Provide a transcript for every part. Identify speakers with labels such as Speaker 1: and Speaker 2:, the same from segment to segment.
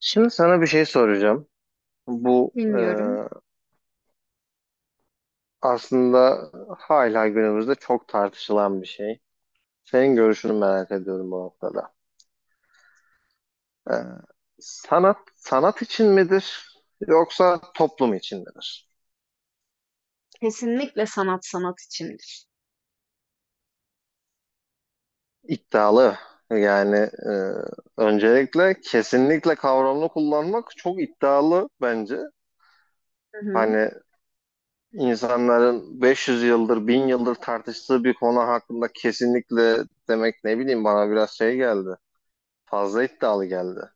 Speaker 1: Şimdi sana bir şey soracağım. Bu
Speaker 2: Bilmiyorum.
Speaker 1: aslında hala günümüzde çok tartışılan bir şey. Senin görüşünü merak ediyorum bu noktada. E, sanat sanat için midir yoksa toplum için midir?
Speaker 2: Kesinlikle sanat, sanat içindir.
Speaker 1: İddialı. Yani e, öncelikle kesinlikle kavramını kullanmak çok iddialı bence.
Speaker 2: Hı hı.
Speaker 1: Hani insanların 500 yıldır, 1000 yıldır tartıştığı bir konu hakkında kesinlikle demek ne bileyim bana biraz şey geldi. Fazla iddialı geldi.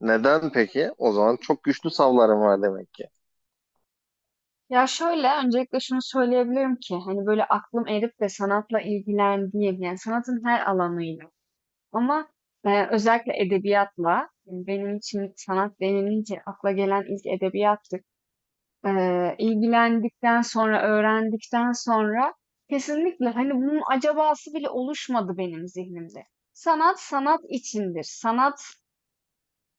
Speaker 1: Neden peki? O zaman çok güçlü savlarım var demek ki.
Speaker 2: Ya şöyle, öncelikle şunu söyleyebilirim ki hani böyle aklım erip de sanatla ilgilendiğim, yani sanatın her alanıyla ama özellikle edebiyatla, yani benim için sanat denilince akla gelen ilk edebiyattır. İlgilendikten sonra, öğrendikten sonra kesinlikle hani bunun acabası bile oluşmadı benim zihnimde. Sanat sanat içindir. Sanat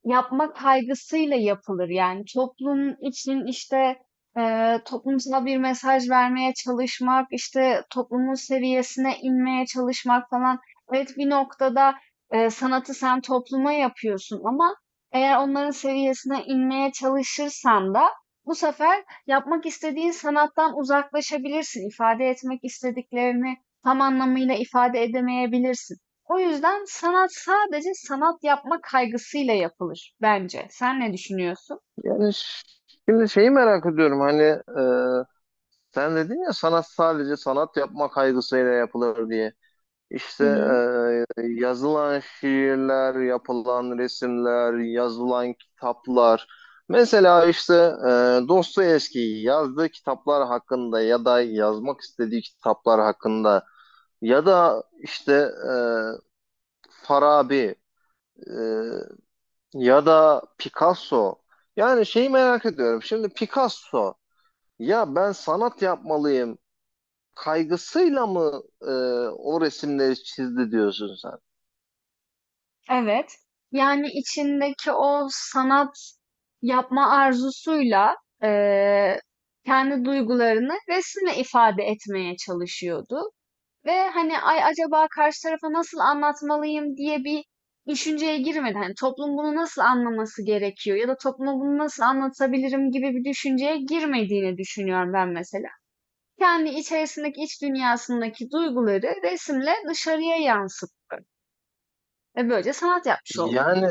Speaker 2: yapma kaygısıyla yapılır. Yani toplum için işte toplumsal bir mesaj vermeye çalışmak, işte toplumun seviyesine inmeye çalışmak falan. Evet, bir noktada sanatı sen topluma yapıyorsun ama eğer onların seviyesine inmeye çalışırsan da bu sefer yapmak istediğin sanattan uzaklaşabilirsin. İfade etmek istediklerini tam anlamıyla ifade edemeyebilirsin. O yüzden sanat sadece sanat yapma kaygısıyla yapılır bence. Sen ne düşünüyorsun?
Speaker 1: Yani şimdi şeyi merak ediyorum, hani sen dedin ya sanat sadece sanat yapma kaygısıyla yapılır diye.
Speaker 2: Hı
Speaker 1: İşte
Speaker 2: hı.
Speaker 1: yazılan şiirler, yapılan resimler, yazılan kitaplar. Mesela işte Dostoyevski'yi yazdığı kitaplar hakkında ya da yazmak istediği kitaplar hakkında ya da işte e, Farabi, e, ya da Picasso. Yani şeyi merak ediyorum. Şimdi Picasso ya ben sanat yapmalıyım kaygısıyla mı o resimleri çizdi diyorsun sen?
Speaker 2: Evet. Yani içindeki o sanat yapma arzusuyla eee, kendi duygularını resimle ifade etmeye çalışıyordu. Ve hani ay acaba karşı tarafa nasıl anlatmalıyım diye bir düşünceye girmeden hani toplum bunu nasıl anlaması gerekiyor ya da topluma bunu nasıl anlatabilirim gibi bir düşünceye girmediğini düşünüyorum ben mesela. Kendi içerisindeki iç dünyasındaki duyguları resimle dışarıya yansıttı. Ve böylece sanat yapmış oldu.
Speaker 1: Yani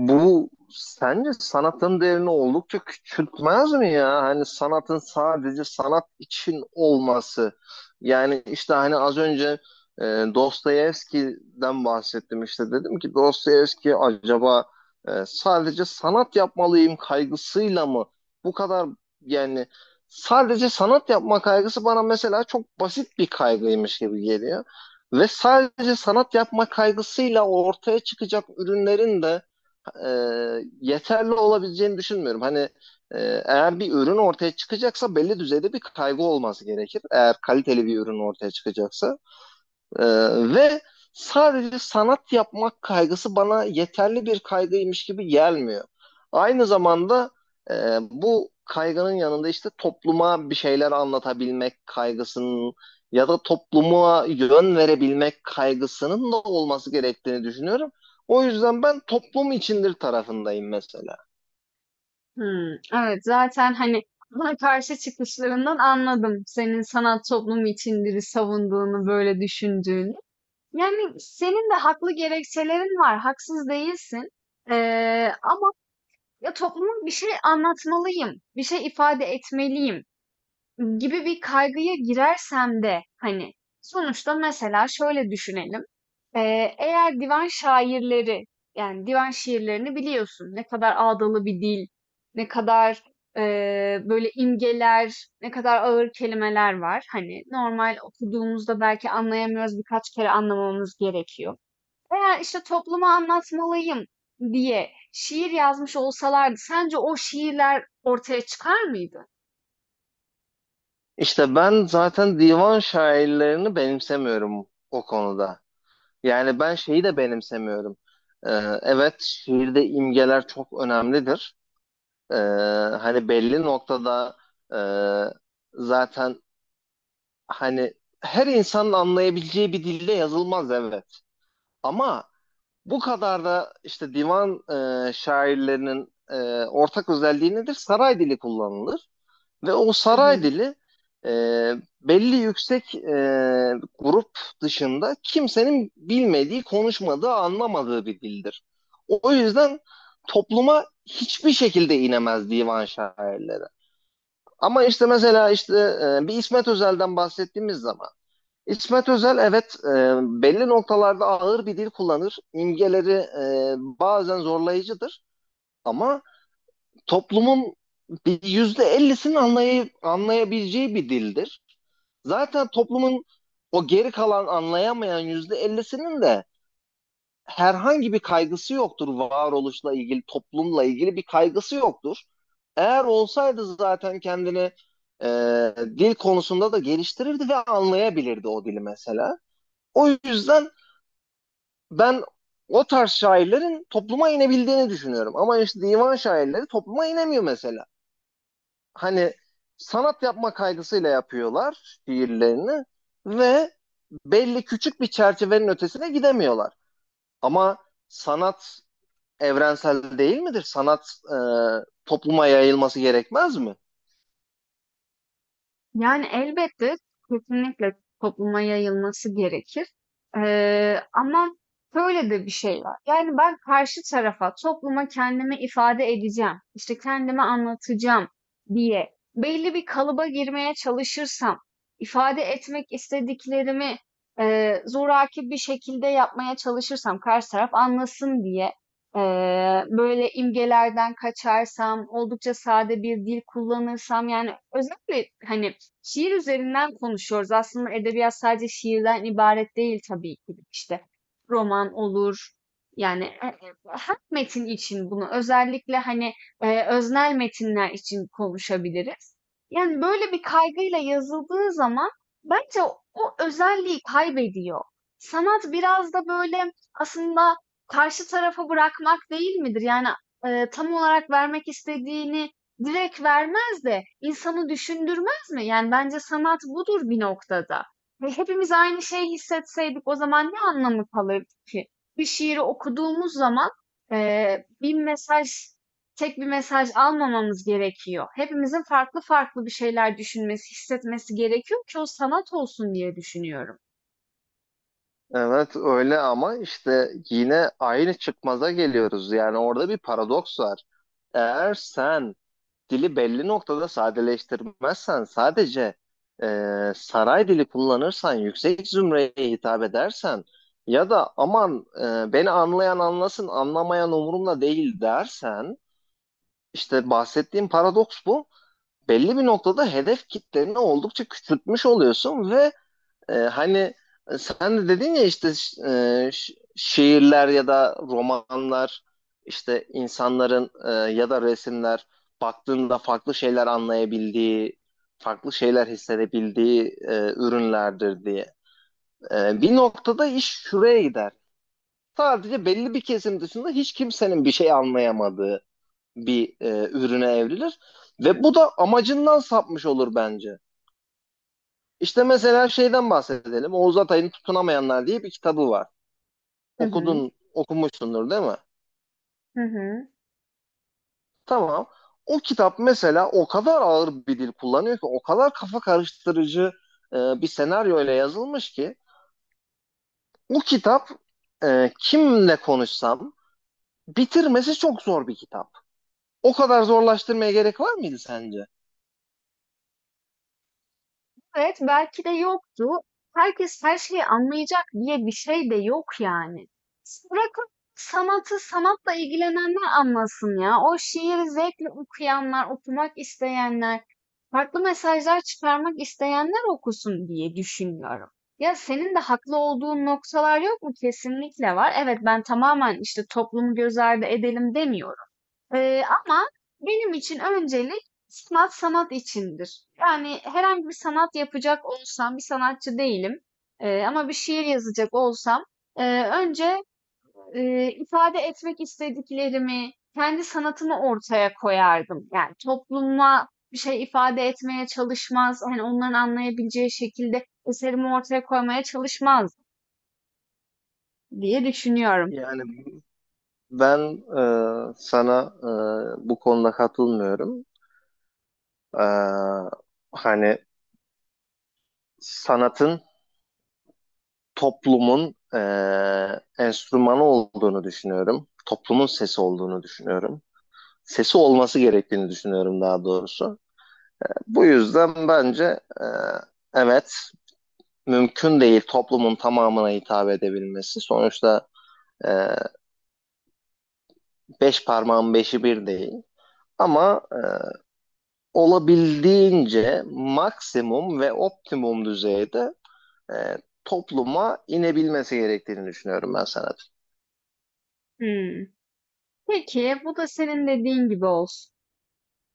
Speaker 1: bu sence sanatın değerini oldukça küçültmez mi ya? Hani sanatın sadece sanat için olması. Yani işte hani az önce e, Dostoyevski'den bahsettim işte. Dedim ki Dostoyevski acaba sadece sanat yapmalıyım kaygısıyla mı? Bu kadar, yani sadece sanat yapma kaygısı bana mesela çok basit bir kaygıymış gibi geliyor. Ve sadece sanat yapma kaygısıyla ortaya çıkacak ürünlerin de e, yeterli olabileceğini düşünmüyorum. Hani e, eğer bir ürün ortaya çıkacaksa belli düzeyde bir kaygı olması gerekir. Eğer kaliteli bir ürün ortaya çıkacaksa. Ee, ve sadece sanat yapmak kaygısı bana yeterli bir kaygıymış gibi gelmiyor. Aynı zamanda e, bu kaygının yanında işte topluma bir şeyler anlatabilmek kaygısının ya da topluma yön verebilmek kaygısının da olması gerektiğini düşünüyorum. O yüzden ben toplum içindir tarafındayım mesela.
Speaker 2: Hmm, evet, zaten hani buna karşı çıkışlarından anladım senin sanat toplumu içindir savunduğunu, böyle düşündüğünü. Yani senin de haklı gerekçelerin var, haksız değilsin. Ee, Ama ya topluma bir şey anlatmalıyım, bir şey ifade etmeliyim gibi bir kaygıya girersem de hani sonuçta mesela şöyle düşünelim. Eğer divan şairleri, yani divan şiirlerini biliyorsun. Ne kadar ağdalı bir dil, ne kadar böyle imgeler, ne kadar ağır kelimeler var. Hani normal okuduğumuzda belki anlayamıyoruz, birkaç kere anlamamız gerekiyor. Eğer işte topluma anlatmalıyım diye şiir yazmış olsalardı sence o şiirler ortaya çıkar mıydı?
Speaker 1: İşte ben zaten divan şairlerini benimsemiyorum o konuda. Yani ben şeyi de benimsemiyorum. Ee, evet şiirde imgeler çok önemlidir. Ee, hani belli noktada e, zaten hani her insanın anlayabileceği bir dilde yazılmaz, evet. Ama bu kadar da işte divan şairlerinin ortak özelliği nedir? Saray dili kullanılır. Ve o
Speaker 2: Hı
Speaker 1: saray
Speaker 2: hı.
Speaker 1: dili e, belli yüksek grup dışında kimsenin bilmediği, konuşmadığı, anlamadığı bir dildir. O yüzden topluma hiçbir şekilde inemez divan şairleri. Ama işte mesela işte bir İsmet Özel'den bahsettiğimiz zaman İsmet Özel evet, belli noktalarda ağır bir dil kullanır. İmgeleri bazen zorlayıcıdır. Ama toplumun bir %50'sinin anlayabileceği bir dildir. Zaten toplumun o geri kalan anlayamayan yüzde ellisinin de herhangi bir kaygısı yoktur. Varoluşla ilgili, toplumla ilgili bir kaygısı yoktur. Eğer olsaydı zaten kendini e, dil konusunda da geliştirirdi ve anlayabilirdi o dili mesela. O yüzden ben o tarz şairlerin topluma inebildiğini düşünüyorum. Ama işte divan şairleri topluma inemiyor mesela. Hani sanat yapma kaygısıyla yapıyorlar şiirlerini ve belli küçük bir çerçevenin ötesine gidemiyorlar. Ama sanat evrensel değil midir? Sanat topluma yayılması gerekmez mi?
Speaker 2: Yani, elbette, kesinlikle topluma yayılması gerekir. Ama şöyle de bir şey var. Yani, ben karşı tarafa, topluma kendimi ifade edeceğim, işte, kendimi anlatacağım diye belli bir kalıba girmeye çalışırsam, ifade etmek istediklerimi zoraki bir şekilde yapmaya çalışırsam karşı taraf anlasın diye, böyle imgelerden kaçarsam, oldukça sade bir dil kullanırsam, yani, özellikle, hani, şiir üzerinden konuşuyoruz. Aslında edebiyat sadece şiirden ibaret değil tabii ki de. İşte roman olur. Yani her metin için bunu özellikle hani öznel metinler için konuşabiliriz. Yani böyle bir kaygıyla yazıldığı zaman bence o özelliği kaybediyor. Sanat biraz da böyle aslında karşı tarafa bırakmak değil midir? Yani tam olarak vermek istediğini direkt vermez de insanı düşündürmez mı? Yani bence sanat budur bir noktada. Ve hepimiz aynı şeyi hissetseydik o zaman ne anlamı kalırdı ki? Bir şiiri okuduğumuz zaman bir mesaj, tek bir mesaj almamamız gerekiyor. Hepimizin farklı farklı bir şeyler düşünmesi, hissetmesi gerekiyor ki o sanat olsun diye düşünüyorum.
Speaker 1: Evet öyle, ama işte yine aynı çıkmaza geliyoruz. Yani orada bir paradoks var. Eğer sen dili belli noktada sadeleştirmezsen, sadece e, saray dili kullanırsan, yüksek zümreye hitap edersen ya da aman beni anlayan anlasın, anlamayan umurumda değil dersen, işte bahsettiğim paradoks bu. Belli bir noktada hedef kitleni oldukça küçültmüş oluyorsun ve hani sen de dedin ya işte şiirler ya da romanlar işte insanların ya da resimler baktığında farklı şeyler anlayabildiği, farklı şeyler hissedebildiği ürünlerdir diye. Bir noktada iş şuraya gider. Sadece belli bir kesim dışında hiç kimsenin bir şey anlayamadığı bir ürüne evrilir ve bu da amacından sapmış olur bence. İşte mesela şeyden bahsedelim. Oğuz Atay'ın Tutunamayanlar diye bir kitabı var.
Speaker 2: Hı hı,
Speaker 1: Okudun, okumuşsundur değil mi?
Speaker 2: hı hı.
Speaker 1: Tamam. O kitap mesela o kadar ağır bir dil kullanıyor ki, o kadar kafa karıştırıcı e, bir senaryo ile yazılmış ki, bu kitap kimle konuşsam bitirmesi çok zor bir kitap. O kadar zorlaştırmaya gerek var mıydı sence?
Speaker 2: Evet, belki de yoktu. Herkes her şeyi anlayacak diye bir şey de yok yani. Bırakın sanatı sanatla ilgilenenler anlasın ya. O şiiri zevkle okuyanlar, okumak isteyenler, farklı mesajlar çıkarmak isteyenler okusun diye düşünüyorum. Ya senin de haklı olduğun noktalar yok mu? Kesinlikle var. Evet, ben tamamen işte toplumu göz ardı edelim demiyorum. Ama benim için öncelik sanat, sanat içindir. Yani herhangi bir sanat yapacak olsam, bir sanatçı değilim. Ama bir şiir yazacak olsam, önce ifade etmek istediklerimi, kendi sanatımı ortaya koyardım. Yani topluma bir şey ifade etmeye çalışmaz, hani onların anlayabileceği şekilde eserimi ortaya koymaya çalışmaz diye düşünüyorum.
Speaker 1: Yani ben sana bu konuda katılmıyorum. E, hani sanatın toplumun enstrümanı olduğunu düşünüyorum. Toplumun sesi olduğunu düşünüyorum. Sesi olması gerektiğini düşünüyorum daha doğrusu. Bu yüzden bence evet, mümkün değil toplumun tamamına hitap edebilmesi. Sonuçta eee, beş parmağın beşi bir değil. Ama olabildiğince maksimum ve optimum düzeyde eee, topluma inebilmesi gerektiğini düşünüyorum ben sana.
Speaker 2: Hmm. Peki, bu da senin dediğin gibi olsun.